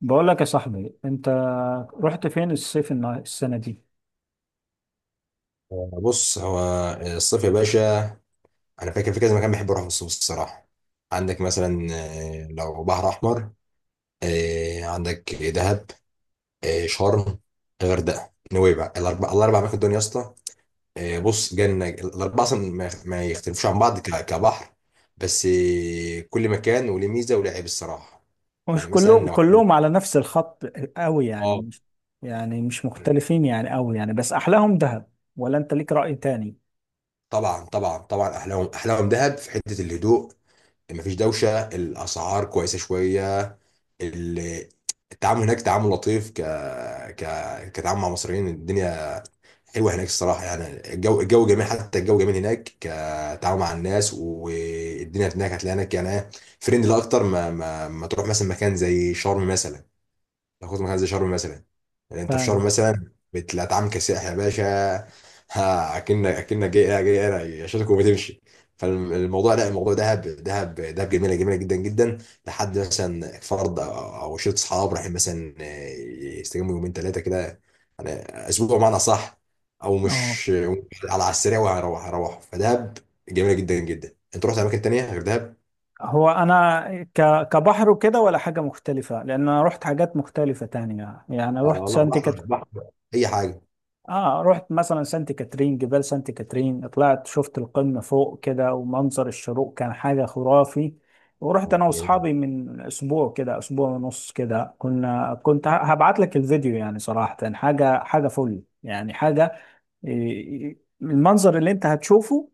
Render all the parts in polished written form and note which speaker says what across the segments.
Speaker 1: بقول لك يا صاحبي، انت رحت فين الصيف السنة دي؟
Speaker 2: بص هو الصيف يا باشا، انا فاكر في كذا مكان بحب اروح في الصيف الصراحه. عندك مثلا لو بحر احمر. عندك دهب. شرم، الغردقه، نويبع، الاربع اماكن دول يا اسطى. بص جنه، الاربعه اصلا ما يختلفوش عن بعض كبحر. بس كل مكان وليه ميزه وليه عيب الصراحه.
Speaker 1: مش
Speaker 2: يعني مثلا
Speaker 1: كلهم
Speaker 2: لو
Speaker 1: كلهم على نفس الخط قوي يعني،
Speaker 2: اه،
Speaker 1: مش مختلفين يعني قوي يعني. بس احلاهم دهب ولا انت ليك رأي تاني؟
Speaker 2: طبعا طبعا طبعا، احلاهم دهب في حته الهدوء، مفيش دوشه، الاسعار كويسه شويه. ال- التعامل هناك تعامل لطيف، كتعامل مع مصريين. الدنيا حلوه هناك الصراحه، يعني الجو جميل، حتى الجو جميل هناك، كتعامل مع الناس. والدنيا هناك هتلاقي هناك يعني فريندلي اكتر ما تروح مثلا مكان زي شرم مثلا. ناخد مكان زي شرم مثلا، يعني انت في شرم
Speaker 1: فاهم.
Speaker 2: مثلا بتلاقي كسائح يا باشا، ها، اكنك جاي انا يشيلك وبتمشي. فالموضوع لا، الموضوع دهب، دهب دهب جميله جدا جدا، لحد مثلا فرد او أو شله اصحاب رايحين مثلا يستجموا يومين ثلاثه كده، يعني اسبوع بمعنى صح، او
Speaker 1: اه،
Speaker 2: مش، على السريع، وهروح فدهب جميله جدا جدا. انت رحت اماكن تانيه غير دهب؟
Speaker 1: هو انا ك... كبحر وكده، ولا حاجة مختلفة لان انا رحت حاجات مختلفة تانية يعني.
Speaker 2: آه لا، بحر اي
Speaker 1: رحت مثلا سانت كاترين، جبال سانت كاترين، طلعت شفت القمة فوق كده، ومنظر الشروق كان حاجة خرافي. ورحت انا
Speaker 2: حاجه.
Speaker 1: واصحابي من اسبوع كده، اسبوع ونص كده، كنت هبعت لك الفيديو يعني. صراحة حاجة فل يعني، حاجة إيه، المنظر اللي انت هتشوفه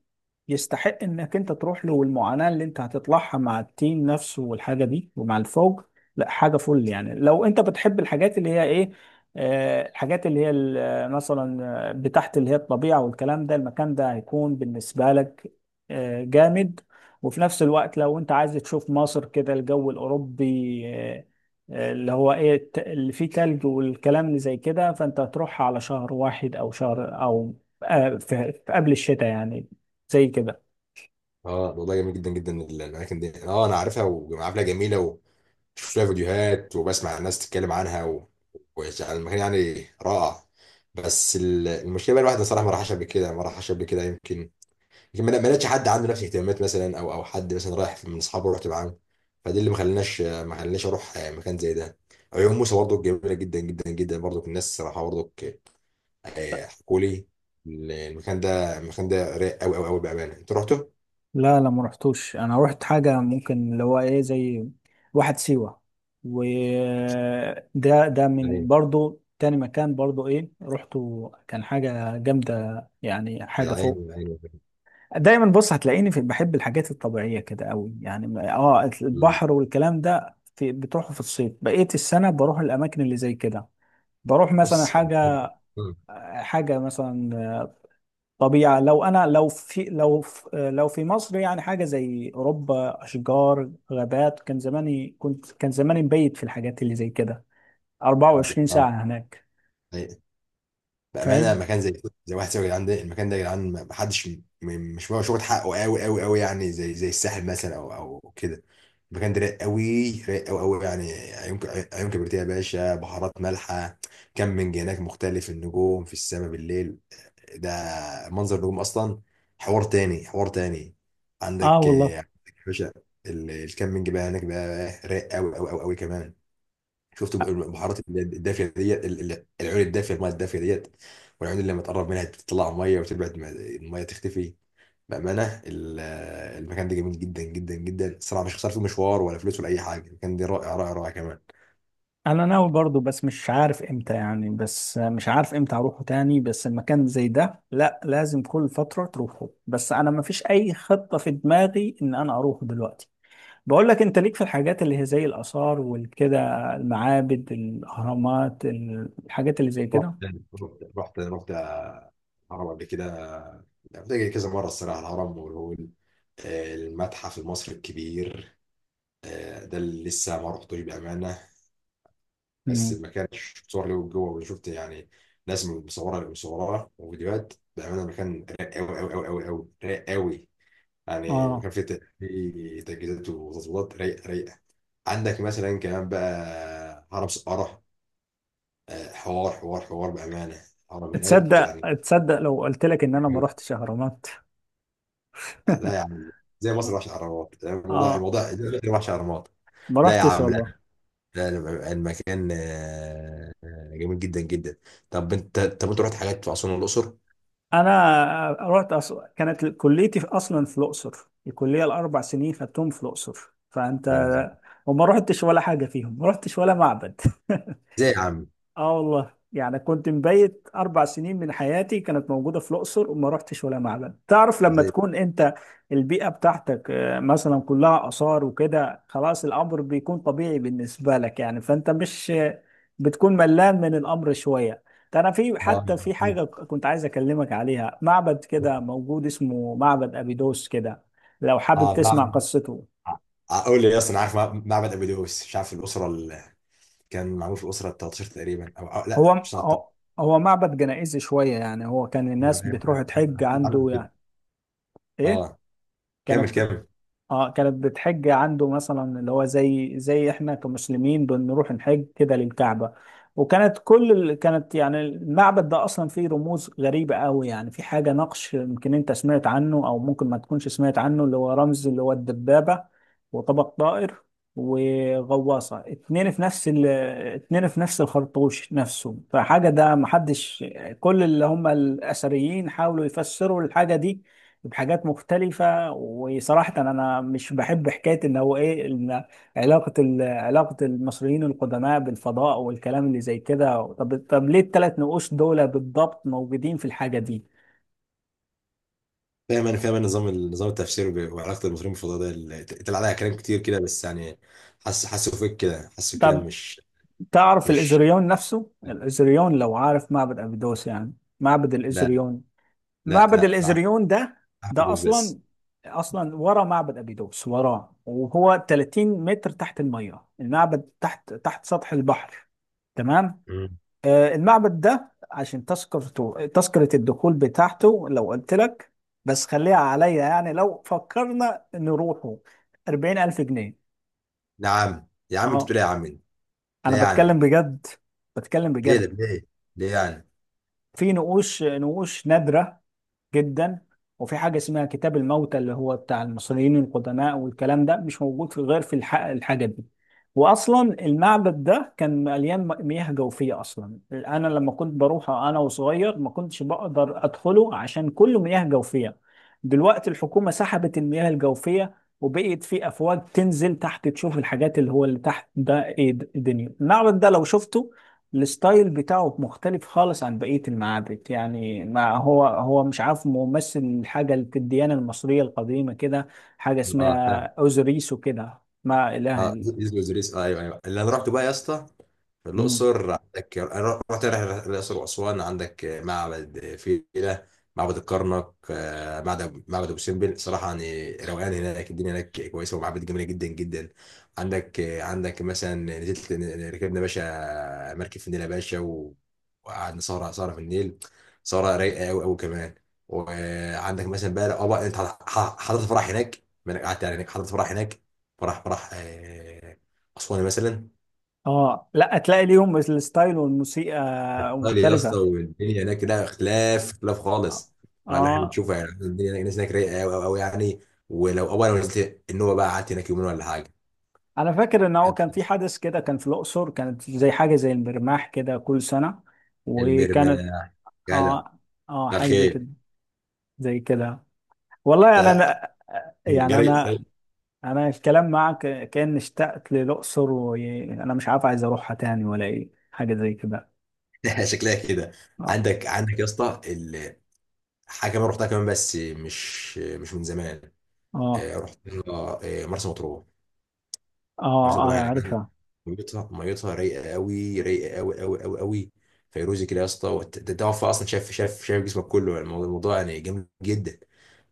Speaker 1: يستحق انك انت تروح له، والمعاناة اللي انت هتطلعها مع التيم نفسه والحاجة دي ومع الفوج. لا، حاجة فل يعني. لو انت بتحب الحاجات اللي هي ايه، الحاجات اللي هي مثلا بتاعت اللي هي الطبيعة والكلام ده، المكان ده هيكون بالنسبة لك جامد. وفي نفس الوقت، لو انت عايز تشوف مصر كده الجو الأوروبي، اللي هو ايه اللي فيه تلج والكلام اللي زي كده، فانت هتروح على شهر واحد او شهر او في قبل الشتاء يعني، زي كده.
Speaker 2: اه والله، جميل جدا جدا الاماكن دي، اه انا عارفها وعارفها جميله، وبشوف لها فيديوهات وبسمع الناس تتكلم عنها، و... المكان يعني رائع. بس المشكله بقى الواحد صراحه ما راحش قبل كده، ما راحش قبل كده يمكن، يمكن ما لقيتش حد عنده نفس الاهتمامات مثلا، او حد مثلا رايح من اصحابه رحت معاه. فدي اللي ما خلناش اروح مكان زي ده. عيون موسى برضو جميله جدا جدا جدا، برضو الناس صراحه برضو حكوا لي، المكان ده رايق قوي قوي قوي بامانه. انت رحته؟
Speaker 1: لا، لا، ما رحتوش. انا رحت حاجه ممكن اللي هو ايه، زي واحد سيوه. وده من برضو تاني مكان، برضو ايه، رحته كان حاجه جامده يعني،
Speaker 2: يا
Speaker 1: حاجه
Speaker 2: عيني
Speaker 1: فوق.
Speaker 2: يا عيني.
Speaker 1: دايما بص هتلاقيني في، بحب الحاجات الطبيعيه كده قوي يعني، اه،
Speaker 2: ال-
Speaker 1: البحر والكلام ده. في بتروحوا في الصيف، بقيه السنه بروح الاماكن اللي زي كده. بروح مثلا
Speaker 2: بص ال-
Speaker 1: حاجه
Speaker 2: آه.
Speaker 1: حاجه مثلا طبيعه. لو انا لو في لو في لو في مصر يعني حاجه زي اوروبا، اشجار، غابات، كان زماني مبيت في الحاجات اللي زي كده
Speaker 2: آه.
Speaker 1: 24 ساعه هناك.
Speaker 2: أي- بأمانة
Speaker 1: فاهم.
Speaker 2: مكان زي زي واحد سيوي يا جدعان، ده المكان ده يا جدعان، محدش مش واخد شغل حقه قوي قوي قوي، يعني زي زي الساحل مثلا أو أو كده. المكان ده رايق قوي، رايق قوي قوي يعني، عيون عيون كبريتيه يا باشا، بحارات مالحة، كامبينج هناك مختلف، النجوم في السماء بالليل، ده منظر النجوم أصلا حوار تاني حوار تاني.
Speaker 1: اه
Speaker 2: عندك
Speaker 1: والله،
Speaker 2: عندك يا باشا الكامبينج بقى هناك بقى رايق قوي قوي قوي قوي كمان. شفت البحارات اللي هي الدافيه ديت، العيون الدافيه، الميه الدافيه ديت، والعيون اللي لما تقرب منها تطلع ميه وتبعد الميه تختفي. بامانه المكان ده جميل جدا جدا جدا الصراحه، مش خسرت فيه مشوار ولا فلوس ولا اي حاجه، المكان ده رائع رائع رائع كمان.
Speaker 1: انا ناوي برضو، بس مش عارف امتى يعني، بس مش عارف امتى اروحه تاني. بس المكان زي ده، لا، لازم كل فترة تروحه. بس انا ما فيش اي خطة في دماغي ان انا اروحه دلوقتي. بقول لك، انت ليك في الحاجات اللي هي زي الاثار والكده، المعابد، الاهرامات، الحاجات اللي زي
Speaker 2: رحت
Speaker 1: كده؟
Speaker 2: رحت رحت الهرم قبل كده، رحت كذا مره الصراحه، الهرم والهول، المتحف المصري الكبير، ده اللي لسه ما رحتوش بامانه، بس
Speaker 1: امم
Speaker 2: ما كانش صور له جوه، وشفت يعني ناس مصوره وفيديوهات بامانه، المكان رايق قوي قوي قوي قوي قوي، رايق قوي، يعني
Speaker 1: اه
Speaker 2: المكان فيه فيه تجهيزات وتظبيطات رايقه عندك مثلا كمان بقى هرم سقاره، حوار حوار حوار بامانه، هرم هناك يعني.
Speaker 1: تصدق لو قلت لك ان انا ما رحتش اهرامات؟
Speaker 2: لا يا عم، زي مصر وحش اهرامات، الموضوع
Speaker 1: اه،
Speaker 2: زي مصر وحش اهرامات.
Speaker 1: ما
Speaker 2: لا يا
Speaker 1: رحتش
Speaker 2: عم لا،
Speaker 1: والله.
Speaker 2: لا لا، المكان جميل جدا جدا. طب انت، رحت حاجات في اسوان والاقصر؟
Speaker 1: انا كانت كليتي اصلا في الاقصر. الكليه الاربع سنين خدتهم في الاقصر، فانت.
Speaker 2: جميل.
Speaker 1: وما رحتش ولا حاجه فيهم، ما رحتش ولا معبد.
Speaker 2: ازاي يا عم؟
Speaker 1: اه والله، يعني كنت مبيت اربع سنين من حياتي كانت موجوده في الاقصر وما رحتش ولا معبد. تعرف لما
Speaker 2: ازاي؟
Speaker 1: تكون انت البيئه بتاعتك مثلا كلها اثار وكده، خلاص الامر بيكون طبيعي بالنسبه لك يعني، فانت مش بتكون ملان من الامر شويه. ده انا في
Speaker 2: اه
Speaker 1: حتى في حاجه كنت عايز اكلمك عليها. معبد كده موجود اسمه معبد ابيدوس كده، لو حابب
Speaker 2: اه
Speaker 1: تسمع
Speaker 2: معبد.
Speaker 1: قصته.
Speaker 2: اقول لي اصلا، عارف معبد ابو دوس؟ مش عارف الاسره اللي كان معمول في الاسره ال 13 تقريبا، او لا
Speaker 1: هو
Speaker 2: مش 13،
Speaker 1: هو هو معبد جنائزي شويه يعني. هو كان الناس بتروح تحج عنده
Speaker 2: عمل كده.
Speaker 1: يعني. ايه،
Speaker 2: اه كمل
Speaker 1: كانت بت...
Speaker 2: كمل.
Speaker 1: اه كانت بتحج عنده مثلا، اللي هو زي احنا كمسلمين بنروح نحج كده للكعبة. كانت يعني المعبد ده اصلا فيه رموز غريبة قوي يعني. في حاجة نقش، يمكن انت سمعت عنه او ممكن ما تكونش سمعت عنه، اللي هو رمز اللي هو الدبابة وطبق طائر وغواصة، اتنين في نفس الخرطوش نفسه. فحاجة ده محدش. كل اللي هم الأثريين حاولوا يفسروا الحاجة دي بحاجات مختلفة. وصراحة أنا مش بحب حكاية إن هو إيه، إن علاقة المصريين القدماء بالفضاء والكلام اللي زي كده. طب ليه الثلاث نقوش دول بالضبط موجودين في الحاجة دي؟
Speaker 2: فاهم انا، فاهم انا نظام التفسير، وعلاقه المصريين بالفضاء، ده اللي طلع عليها كلام كتير كده، بس يعني حاسس، حاسه فيك كده، حاسه الكلام
Speaker 1: طب
Speaker 2: مش
Speaker 1: تعرف
Speaker 2: مش
Speaker 1: الإزريون نفسه؟ الإزريون، لو عارف معبد أبيدوس يعني، معبد
Speaker 2: لا
Speaker 1: الإزريون.
Speaker 2: لا
Speaker 1: معبد
Speaker 2: لا لا،
Speaker 1: الإزريون ده،
Speaker 2: ابو
Speaker 1: ده
Speaker 2: دوس بس.
Speaker 1: أصلا أصلا ورا معبد أبيدوس، وراه. وهو 30 متر تحت المية، المعبد تحت سطح البحر. تمام.
Speaker 2: مم.
Speaker 1: المعبد ده، عشان تذكرة الدخول بتاعته، لو قلت لك، بس خليها عليا يعني، لو فكرنا نروحه: 40000 جنيه.
Speaker 2: نعم يا عم، انت
Speaker 1: اه،
Speaker 2: بتقول إيه يا عم؟
Speaker 1: انا
Speaker 2: لا
Speaker 1: بتكلم
Speaker 2: يعني،
Speaker 1: بجد، بتكلم
Speaker 2: ليه ده
Speaker 1: بجد.
Speaker 2: ليه؟ ليه يعني؟
Speaker 1: في نقوش نادرة جدا. وفي حاجة اسمها كتاب الموتى، اللي هو بتاع المصريين القدماء والكلام ده، مش موجود في غير في الحاجة دي. وأصلا المعبد ده كان مليان مياه جوفية أصلا. أنا لما كنت بروح أنا وصغير، ما كنتش بقدر أدخله عشان كله مياه جوفية. دلوقتي الحكومة سحبت المياه الجوفية، وبقيت في أفواج تنزل تحت تشوف الحاجات اللي هو اللي تحت ده إيه. الدنيا، المعبد ده لو شفته، الستايل بتاعه مختلف خالص عن بقية المعابد يعني. ما هو مش عارف، ممثل حاجة في الديانة المصرية القديمة كده، حاجة
Speaker 2: اه
Speaker 1: اسمها أوزوريس وكده، ما إله
Speaker 2: اه،
Speaker 1: إلا.
Speaker 2: ديزني وزريس، آه ايوه ايوه. اللي انا رحت بقى يا اسطى في
Speaker 1: مم.
Speaker 2: الاقصر، عندك انا رحت رحله الاقصر واسوان، عندك معبد فيلة، معبد الكرنك، معبد ابو سمبل. صراحه يعني روقان هناك، الدنيا هناك كويسه، ومعابد جميله جدا جدا. عندك عندك مثلا نزلت، ركبنا باشا مركب في النيل يا باشا، وقعدنا سهره سهره في النيل، سهره رايقه قوي قوي كمان. وعندك مثلا بقى، اه بقى انت حضرت فرح هناك، ما انا قعدت يعني هناك، حضرت فرح هناك، فراح اسوان مثلا.
Speaker 1: اه، لا، تلاقي ليهم الستايل والموسيقى
Speaker 2: قال يا اسطى،
Speaker 1: مختلفة.
Speaker 2: والدنيا هناك لا، اختلاف
Speaker 1: اه.
Speaker 2: خالص. فاللي احنا
Speaker 1: آه.
Speaker 2: بنشوفه يعني، الدنيا هناك الناس هناك رايقه قوي قوي قوي يعني. ولو اول ما نزلت النوبه بقى قعدت هناك يومين ولا حاجه.
Speaker 1: انا فاكر ان هو كان في حدث كده، كان في الاقصر، كانت زي حاجة زي المرماح كده كل سنة.
Speaker 2: المرمى،
Speaker 1: وكانت،
Speaker 2: جدع.
Speaker 1: اه، اه،
Speaker 2: ده
Speaker 1: حاجة زي
Speaker 2: خير.
Speaker 1: كده، زي كده. والله انا
Speaker 2: ده
Speaker 1: أنا- يعني
Speaker 2: جري.
Speaker 1: انا الكلام معك كان اشتقت للاقصر، وانا مش عارف عايز اروحها تاني ولا ايه، حاجه زي كده.
Speaker 2: شكلها كده.
Speaker 1: اه،
Speaker 2: عندك عندك يا اسطى حاجه كمان رحتها كمان، بس مش من زمان.
Speaker 1: اه، اه،
Speaker 2: آه، رحت آه، آه، مرسى مطروح.
Speaker 1: اه،
Speaker 2: مرسى مطروح يعني،
Speaker 1: عارفها.
Speaker 2: ميتها رايقه قوي، رايقه قوي قوي قوي قوي، فيروزي كده يا اسطى، ده وفاء اصلا، شاف شاف شاف جسمك كله، يعني الموضوع يعني جامد جدا.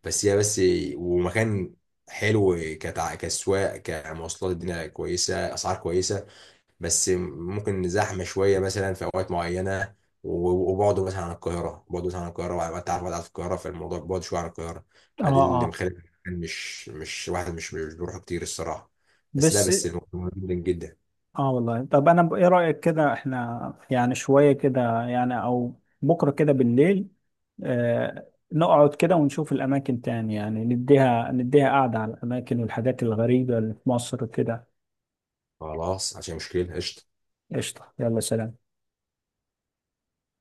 Speaker 2: بس هي بس، ومكان حلو، كسواق، كمواصلات، الدنيا كويسه، اسعار كويسه، بس ممكن زحمه شويه مثلا في اوقات معينه، وبعده مثلا عن القاهره، بعده مثلا عن القاهره وانت عارف، بعد عن القاهره، فالموضوع بعد شويه عن القاهره.
Speaker 1: اه،
Speaker 2: فدي اللي
Speaker 1: اه.
Speaker 2: مخلي المكان مش واحد مش بيروح كتير الصراحه. بس لا
Speaker 1: بس،
Speaker 2: بس الموضوع مهم جدا.
Speaker 1: اه والله، طب انا ايه رايك كده، احنا يعني شويه كده يعني، او بكره كده بالليل، نقعد كده ونشوف الاماكن تاني يعني، نديها قعده على الاماكن والحاجات الغريبه اللي في مصر كده؟
Speaker 2: خلاص عشان مشكله، قشطه.
Speaker 1: قشطه، يلا، سلام.